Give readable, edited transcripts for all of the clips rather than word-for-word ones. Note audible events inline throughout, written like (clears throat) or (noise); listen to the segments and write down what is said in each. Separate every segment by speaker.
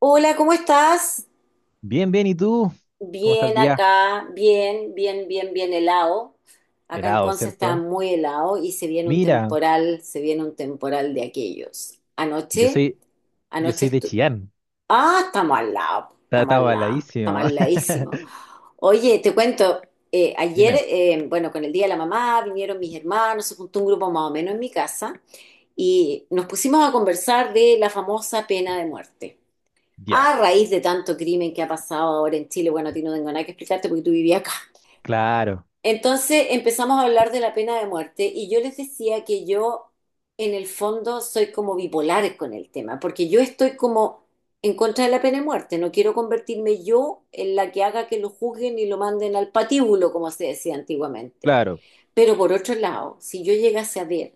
Speaker 1: Hola, ¿cómo estás?
Speaker 2: Bien, bien, ¿y tú? ¿Cómo está el
Speaker 1: Bien
Speaker 2: día?
Speaker 1: acá, bien, bien, bien, bien helado. Acá en
Speaker 2: Helado,
Speaker 1: Conce está
Speaker 2: ¿cierto?
Speaker 1: muy helado y se viene un
Speaker 2: Mira,
Speaker 1: temporal, se viene un temporal de aquellos.
Speaker 2: yo soy, yo
Speaker 1: Anoche
Speaker 2: soy de
Speaker 1: estu-
Speaker 2: Chillán.
Speaker 1: Ah, estamos al lado,
Speaker 2: Está,
Speaker 1: estamos
Speaker 2: está
Speaker 1: al lado, estamos
Speaker 2: baladísimo.
Speaker 1: al ladísimo.
Speaker 2: (laughs)
Speaker 1: Oye, te cuento, ayer,
Speaker 2: Dime,
Speaker 1: bueno, con el Día de la Mamá vinieron mis hermanos, se juntó un grupo más o menos en mi casa y nos pusimos a conversar de la famosa pena de muerte
Speaker 2: ya,
Speaker 1: a raíz de tanto crimen que ha pasado ahora en Chile, bueno, a ti no tengo nada que explicarte porque tú vivías acá.
Speaker 2: claro,
Speaker 1: Entonces empezamos a hablar de la pena de muerte y yo les decía que yo en el fondo soy como bipolar con el tema, porque yo estoy como en contra de la pena de muerte, no quiero convertirme yo en la que haga que lo juzguen y lo manden al patíbulo, como se decía antiguamente.
Speaker 2: claro.
Speaker 1: Pero por otro lado, si yo llegase a ver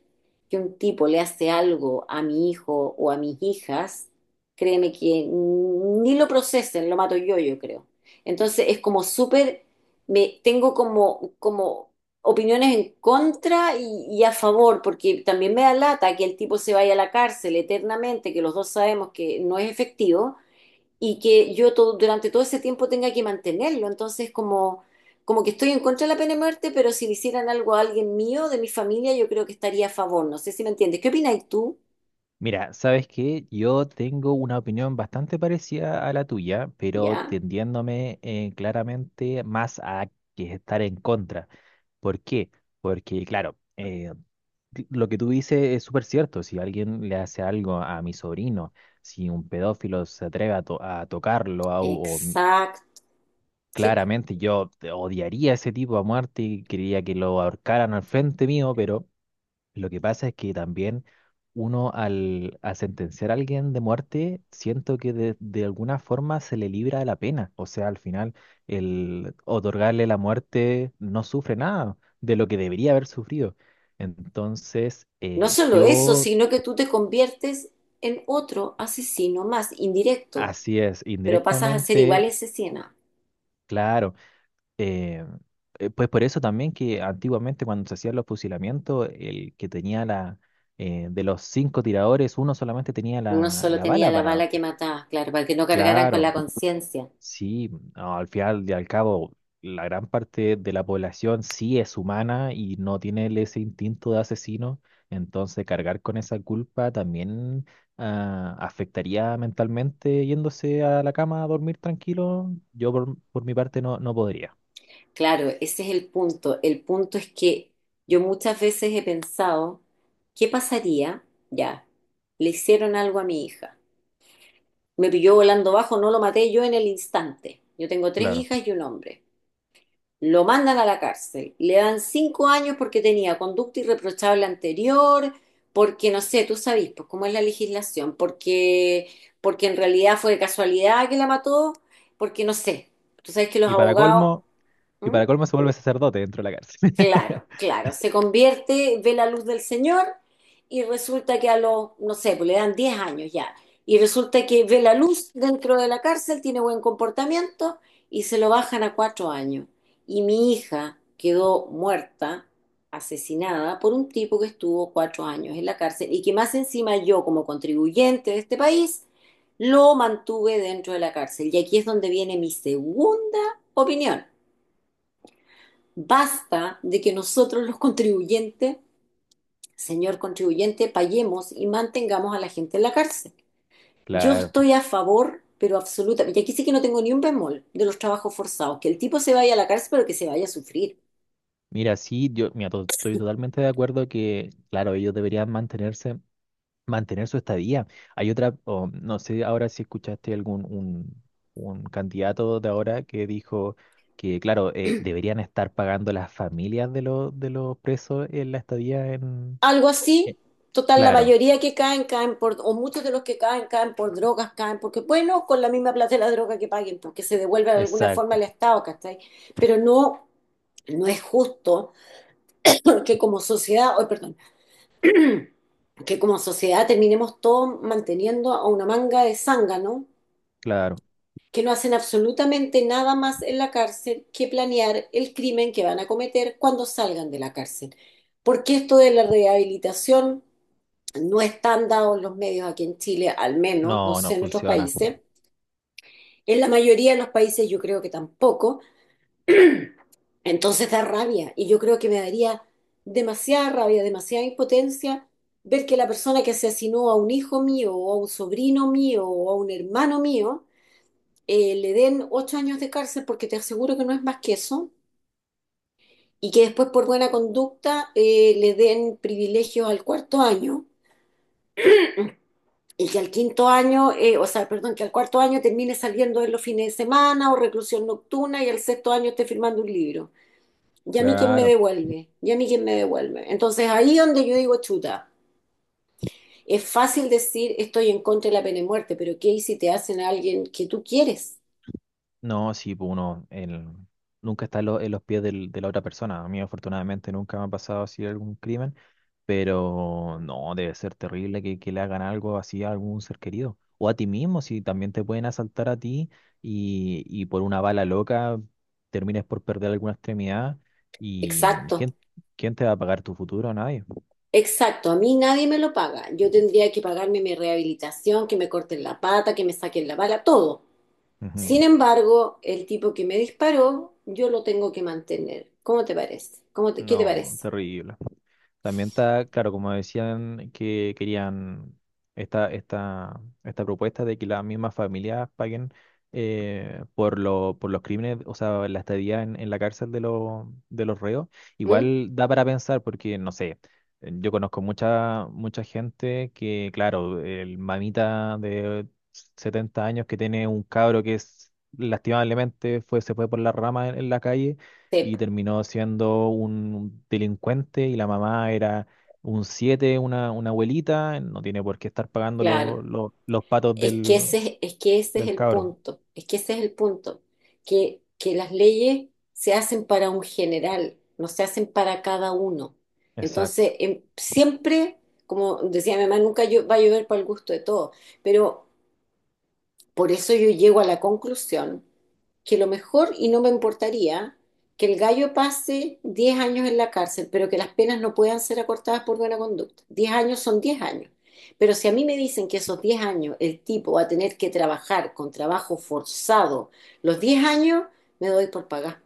Speaker 1: que un tipo le hace algo a mi hijo o a mis hijas, créeme que ni lo procesen, lo mato yo, yo creo. Entonces es como súper, me tengo como, opiniones en contra y a favor, porque también me da lata que el tipo se vaya a la cárcel eternamente, que los dos sabemos que no es efectivo y que yo todo, durante todo ese tiempo tenga que mantenerlo. Entonces, como, que estoy en contra de la pena de muerte, pero si le hicieran algo a alguien mío, de mi familia, yo creo que estaría a favor. No sé si me entiendes. ¿Qué opinas tú?
Speaker 2: Mira, ¿sabes qué? Yo tengo una opinión bastante parecida a la tuya, pero
Speaker 1: Ya,
Speaker 2: tendiéndome claramente más a que estar en contra. ¿Por qué? Porque, claro, lo que tú dices es súper cierto. Si alguien le hace algo a mi sobrino, si un pedófilo se atreve a tocarlo,
Speaker 1: exacto. Sí, po.
Speaker 2: claramente yo te odiaría a ese tipo a muerte y quería que lo ahorcaran al frente mío, pero lo que pasa es que también uno al sentenciar a alguien de muerte, siento que de alguna forma se le libra de la pena. O sea, al final, el otorgarle la muerte no sufre nada de lo que debería haber sufrido. Entonces,
Speaker 1: No solo eso,
Speaker 2: yo,
Speaker 1: sino que tú te conviertes en otro asesino más, indirecto,
Speaker 2: así es,
Speaker 1: pero pasas a ser
Speaker 2: indirectamente,
Speaker 1: igual asesina.
Speaker 2: claro. eh, pues por eso también que antiguamente cuando se hacían los fusilamientos, el que tenía de los cinco tiradores, uno solamente tenía
Speaker 1: Uno
Speaker 2: la,
Speaker 1: solo
Speaker 2: la
Speaker 1: tenía
Speaker 2: bala
Speaker 1: la
Speaker 2: para.
Speaker 1: bala que mataba, claro, para que no cargaran con
Speaker 2: Claro,
Speaker 1: la conciencia.
Speaker 2: sí, no, al final y al cabo, la gran parte de la población sí es humana y no tiene ese instinto de asesino, entonces cargar con esa culpa también afectaría mentalmente yéndose a la cama a dormir tranquilo. Yo por mi parte no, no podría,
Speaker 1: Claro, ese es el punto. El punto es que yo muchas veces he pensado, ¿qué pasaría? Ya, le hicieron algo a mi hija. Me pilló volando bajo, no lo maté yo en el instante. Yo tengo tres
Speaker 2: claro.
Speaker 1: hijas y un hombre. Lo mandan a la cárcel. Le dan 5 años porque tenía conducta irreprochable anterior, porque no sé, tú sabes, pues cómo es la legislación, porque, en realidad fue de casualidad que la mató, porque no sé. Tú sabes que los
Speaker 2: Y para
Speaker 1: abogados...
Speaker 2: colmo, y
Speaker 1: ¿Mm?
Speaker 2: para colmo se vuelve sacerdote dentro de la cárcel.
Speaker 1: Claro,
Speaker 2: (laughs)
Speaker 1: claro. Se convierte, ve la luz del Señor y resulta que a los, no sé, pues le dan 10 años ya. Y resulta que ve la luz dentro de la cárcel, tiene buen comportamiento y se lo bajan a 4 años. Y mi hija quedó muerta, asesinada por un tipo que estuvo 4 años en la cárcel y que más encima yo como contribuyente de este país lo mantuve dentro de la cárcel. Y aquí es donde viene mi segunda opinión. Basta de que nosotros los contribuyentes, señor contribuyente, paguemos y mantengamos a la gente en la cárcel. Yo
Speaker 2: Claro,
Speaker 1: estoy a favor, pero absolutamente, y aquí sí que no tengo ni un bemol de los trabajos forzados, que el tipo se vaya a la cárcel, pero que se vaya a sufrir.
Speaker 2: mira, sí, yo mira, estoy totalmente de acuerdo que, claro, ellos deberían mantenerse. Mantener su estadía. Hay otra, o no sé ahora si escuchaste algún un candidato de ahora que dijo que, claro, deberían estar pagando las familias de los presos en la estadía
Speaker 1: Algo
Speaker 2: eh,
Speaker 1: así, total, la
Speaker 2: claro,
Speaker 1: mayoría que caen, caen por, o muchos de los que caen, caen por drogas, caen porque, bueno, con la misma plata de la droga que paguen, porque se devuelve de alguna forma
Speaker 2: exacto,
Speaker 1: al Estado, ¿cachai? Pero no, no es justo, porque como sociedad, oh perdón (clears throat) que como sociedad terminemos todos manteniendo a una manga de zánganos
Speaker 2: claro.
Speaker 1: que no hacen absolutamente nada más en la cárcel que planear el crimen que van a cometer cuando salgan de la cárcel. Porque esto de la rehabilitación no están dados los medios aquí en Chile, al menos, no
Speaker 2: No, no
Speaker 1: sé, en otros
Speaker 2: funciona.
Speaker 1: países. En la mayoría de los países yo creo que tampoco. Entonces da rabia y yo creo que me daría demasiada rabia, demasiada impotencia ver que la persona que asesinó a un hijo mío o a un sobrino mío o a un hermano mío le den 8 años de cárcel porque te aseguro que no es más que eso y que después por buena conducta le den privilegios al cuarto año y que al quinto año, o sea, perdón, que al cuarto año termine saliendo en los fines de semana o reclusión nocturna y al sexto año esté firmando un libro. ¿Y a mí quién me
Speaker 2: Claro.
Speaker 1: devuelve? ¿Y a mí quién me devuelve? Entonces ahí donde yo digo, chuta, es fácil decir estoy en contra de la pena de muerte, pero ¿qué hay si te hacen a alguien que tú quieres?
Speaker 2: No, sí, pues nunca está en los pies de la otra persona. A mí afortunadamente nunca me ha pasado así algún crimen. Pero no, debe ser terrible que le hagan algo así a algún ser querido. O a ti mismo, si también te pueden asaltar a ti y por una bala loca termines por perder alguna extremidad. ¿Y
Speaker 1: Exacto,
Speaker 2: quién te va a pagar tu futuro? Nadie.
Speaker 1: exacto. A mí nadie me lo paga. Yo tendría que pagarme mi rehabilitación, que me corten la pata, que me saquen la bala, todo.
Speaker 2: Ujú.
Speaker 1: Sin embargo, el tipo que me disparó, yo lo tengo que mantener. ¿Cómo te parece? ¿Cómo te- qué te
Speaker 2: No,
Speaker 1: parece?
Speaker 2: terrible. También está, claro, como decían que querían esta propuesta de que las mismas familias paguen, por los crímenes, o sea, la estadía en la cárcel los de los reos,
Speaker 1: ¿Mm?
Speaker 2: igual da para pensar porque, no sé, yo conozco mucha, mucha gente que, claro, el mamita de 70 años que tiene un cabro que es, lastimablemente fue, se fue por la rama en la calle y
Speaker 1: Tepo,
Speaker 2: terminó siendo un delincuente y la mamá era un siete, una abuelita, no tiene por qué estar pagando
Speaker 1: claro.
Speaker 2: los patos del,
Speaker 1: Es que ese es
Speaker 2: del
Speaker 1: el
Speaker 2: cabro.
Speaker 1: punto, es que ese es el punto, que las leyes se hacen para un general, no se hacen para cada uno.
Speaker 2: Exacto.
Speaker 1: Entonces, siempre, como decía mi mamá, nunca va a llover para el gusto de todos, pero por eso yo llego a la conclusión que lo mejor, y no me importaría, que el gallo pase 10 años en la cárcel, pero que las penas no puedan ser acortadas por buena conducta. 10 años son 10 años. Pero si a mí me dicen que esos 10 años el tipo va a tener que trabajar con trabajo forzado, los 10 años me doy por pagar.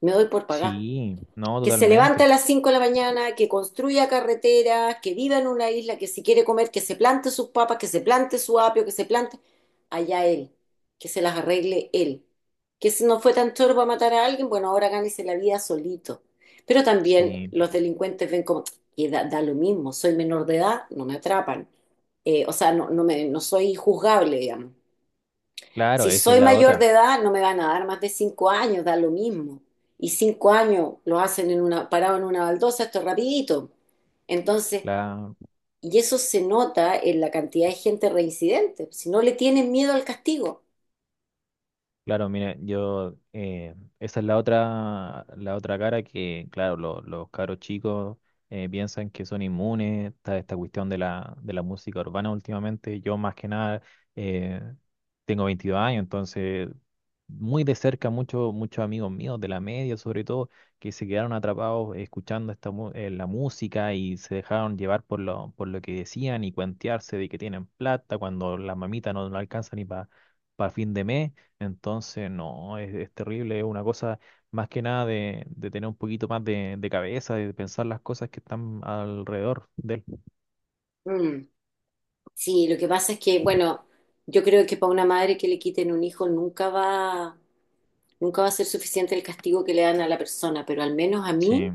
Speaker 1: Me doy por pagar
Speaker 2: Sí, no,
Speaker 1: que se levanta a
Speaker 2: totalmente.
Speaker 1: las 5 de la mañana, que construya carreteras, que viva en una isla, que si quiere comer, que se plante sus papas, que se plante su apio, que se plante allá él, que se las arregle él. Que si no fue tan chorbo a matar a alguien, bueno, ahora gánese la vida solito. Pero también
Speaker 2: Sí,
Speaker 1: los delincuentes ven como, y da lo mismo, soy menor de edad, no me atrapan. O sea, no, no, no soy juzgable, digamos.
Speaker 2: claro,
Speaker 1: Si
Speaker 2: esa es
Speaker 1: soy
Speaker 2: la
Speaker 1: mayor de
Speaker 2: otra.
Speaker 1: edad, no me van a dar más de 5 años, da lo mismo. Y 5 años lo hacen en una, parado en una baldosa, esto es rapidito. Entonces, y eso se nota en la cantidad de gente reincidente. Si no le tienen miedo al castigo.
Speaker 2: Claro, mire, esa es la otra cara que, claro, los caros chicos piensan que son inmunes, está esta cuestión de la música urbana últimamente, yo más que nada eh, tengo 22 años, entonces muy de cerca muchos muchos amigos míos de la media, sobre todo, que se quedaron atrapados escuchando la música y se dejaron llevar por lo que decían y cuentearse de que tienen plata cuando las mamitas no, no alcanzan ni para fin de mes. Entonces, no, es terrible, es una cosa más que nada de tener un poquito más de cabeza, de pensar las cosas que están alrededor de él.
Speaker 1: Mm. Sí, lo que pasa es que, bueno, yo creo que para una madre que le quiten un hijo nunca va a ser suficiente el castigo que le dan a la persona, pero al menos a
Speaker 2: Sí,
Speaker 1: mí,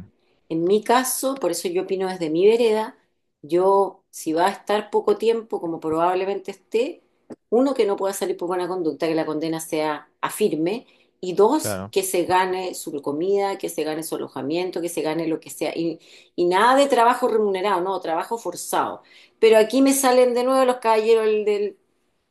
Speaker 1: en mi caso, por eso yo opino desde mi vereda, yo, si va a estar poco tiempo, como probablemente esté, uno, que no pueda salir por buena conducta, que la condena sea a firme, y dos,
Speaker 2: claro,
Speaker 1: que se gane su comida, que se gane su alojamiento, que se gane lo que sea, y, nada de trabajo remunerado, no, trabajo forzado. Pero aquí me salen de nuevo los caballeros del,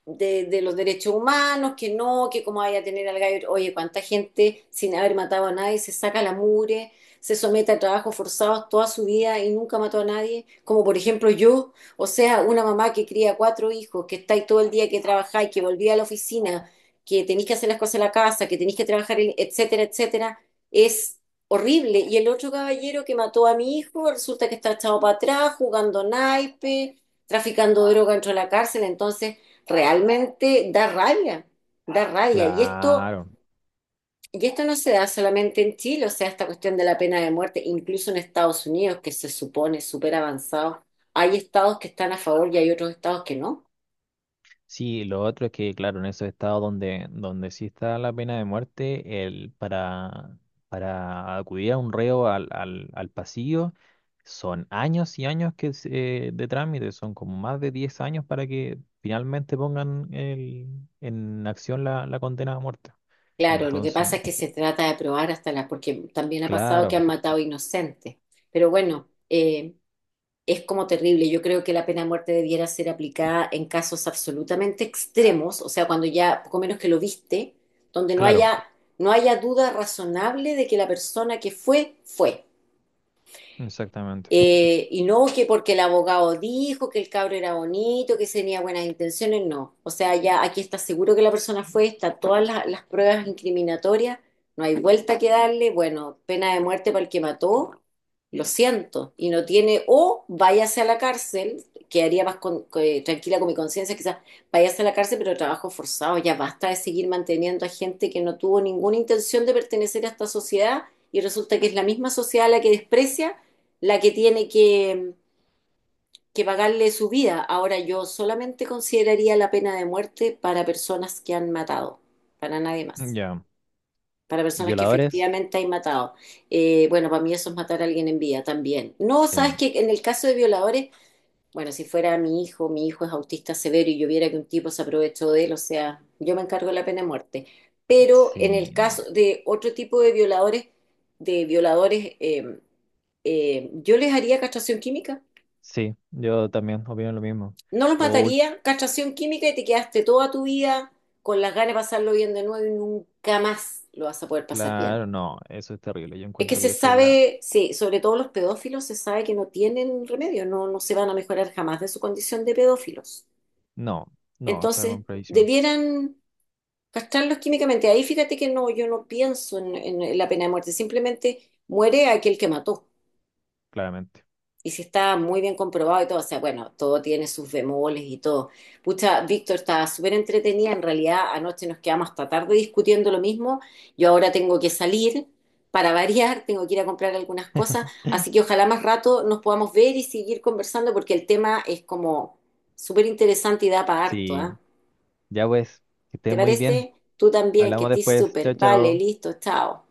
Speaker 1: de los derechos humanos, que no, que cómo vaya a tener al gallo, oye, cuánta gente sin haber matado a nadie se saca la mugre, se somete a trabajos forzados toda su vida y nunca mató a nadie, como por ejemplo yo, o sea, una mamá que cría cuatro hijos, que estáis todo el día que trabajáis, que volví a la oficina, que tenéis que hacer las cosas en la casa, que tenéis que trabajar, etcétera, etcétera, es horrible. Y el otro caballero que mató a mi hijo resulta que está echado para atrás, jugando naipe, traficando droga dentro de la cárcel, entonces realmente da rabia, da rabia. Y esto,
Speaker 2: claro.
Speaker 1: y esto no se da solamente en Chile, o sea, esta cuestión de la pena de muerte, incluso en Estados Unidos, que se supone súper avanzado, hay estados que están a favor y hay otros estados que no.
Speaker 2: Sí, lo otro es que, claro, en esos estados donde sí está la pena de muerte, para acudir a un reo al pasillo, son años y años de trámite, son como más de 10 años para que finalmente pongan en acción la condena a muerte.
Speaker 1: Claro, lo que
Speaker 2: Entonces,
Speaker 1: pasa es que se trata de probar hasta la, porque también ha pasado que
Speaker 2: claro,
Speaker 1: han matado inocentes. Pero bueno, es como terrible. Yo creo que la pena de muerte debiera ser aplicada en casos absolutamente extremos, o sea, cuando ya poco menos que lo viste, donde
Speaker 2: claro,
Speaker 1: no haya duda razonable de que la persona que fue, fue.
Speaker 2: exactamente.
Speaker 1: Y no que porque el abogado dijo que el cabro era bonito, que tenía buenas intenciones, no. O sea, ya aquí está seguro que la persona fue, está todas las pruebas incriminatorias, no hay vuelta que darle, bueno, pena de muerte para el que mató, lo siento, y no tiene, o váyase a la cárcel, quedaría más tranquila con mi conciencia, quizás váyase a la cárcel, pero trabajo forzado, ya basta de seguir manteniendo a gente que no tuvo ninguna intención de pertenecer a esta sociedad y resulta que es la misma sociedad la que desprecia la que tiene que, pagarle su vida. Ahora yo solamente consideraría la pena de muerte para personas que han matado, para nadie más,
Speaker 2: Ya,
Speaker 1: para personas que
Speaker 2: violadores,
Speaker 1: efectivamente han matado. Bueno, para mí eso es matar a alguien en vida también. No, sabes
Speaker 2: sí,
Speaker 1: que en el caso de violadores, bueno, si fuera mi hijo es autista severo y yo viera que un tipo se aprovechó de él, o sea, yo me encargo de la pena de muerte. Pero en el
Speaker 2: sí, no.
Speaker 1: caso de otro tipo de violadores, de violadores, eh, yo les haría castración química.
Speaker 2: Sí, yo también opino lo mismo.
Speaker 1: No los
Speaker 2: O, ul-
Speaker 1: mataría, castración química y te quedaste toda tu vida con las ganas de pasarlo bien de nuevo y nunca más lo vas a poder pasar bien.
Speaker 2: claro, no, eso es terrible. Yo
Speaker 1: Es que
Speaker 2: encuentro
Speaker 1: se
Speaker 2: que eso es la.
Speaker 1: sabe, sí, sobre todo los pedófilos, se sabe que no tienen remedio, no, no se van a mejorar jamás de su condición de pedófilos.
Speaker 2: No, no, está
Speaker 1: Entonces,
Speaker 2: con predicción,
Speaker 1: debieran castrarlos químicamente. Ahí fíjate que no, yo no pienso en la pena de muerte, simplemente muere aquel que mató.
Speaker 2: claramente.
Speaker 1: Y si está muy bien comprobado y todo, o sea, bueno, todo tiene sus bemoles y todo. Pucha, Víctor, estaba súper entretenida. En realidad, anoche nos quedamos hasta tarde discutiendo lo mismo. Yo ahora tengo que salir para (laughs) variar, tengo que ir a comprar algunas cosas. Así que ojalá más rato nos podamos ver y seguir conversando porque el tema es como súper interesante y da para harto, ¿ah?
Speaker 2: Sí, ya pues, que estés
Speaker 1: ¿Te
Speaker 2: muy bien.
Speaker 1: parece? Tú también, que
Speaker 2: Hablamos
Speaker 1: estés
Speaker 2: después.
Speaker 1: súper.
Speaker 2: Chao,
Speaker 1: Vale,
Speaker 2: chao.
Speaker 1: listo, chao.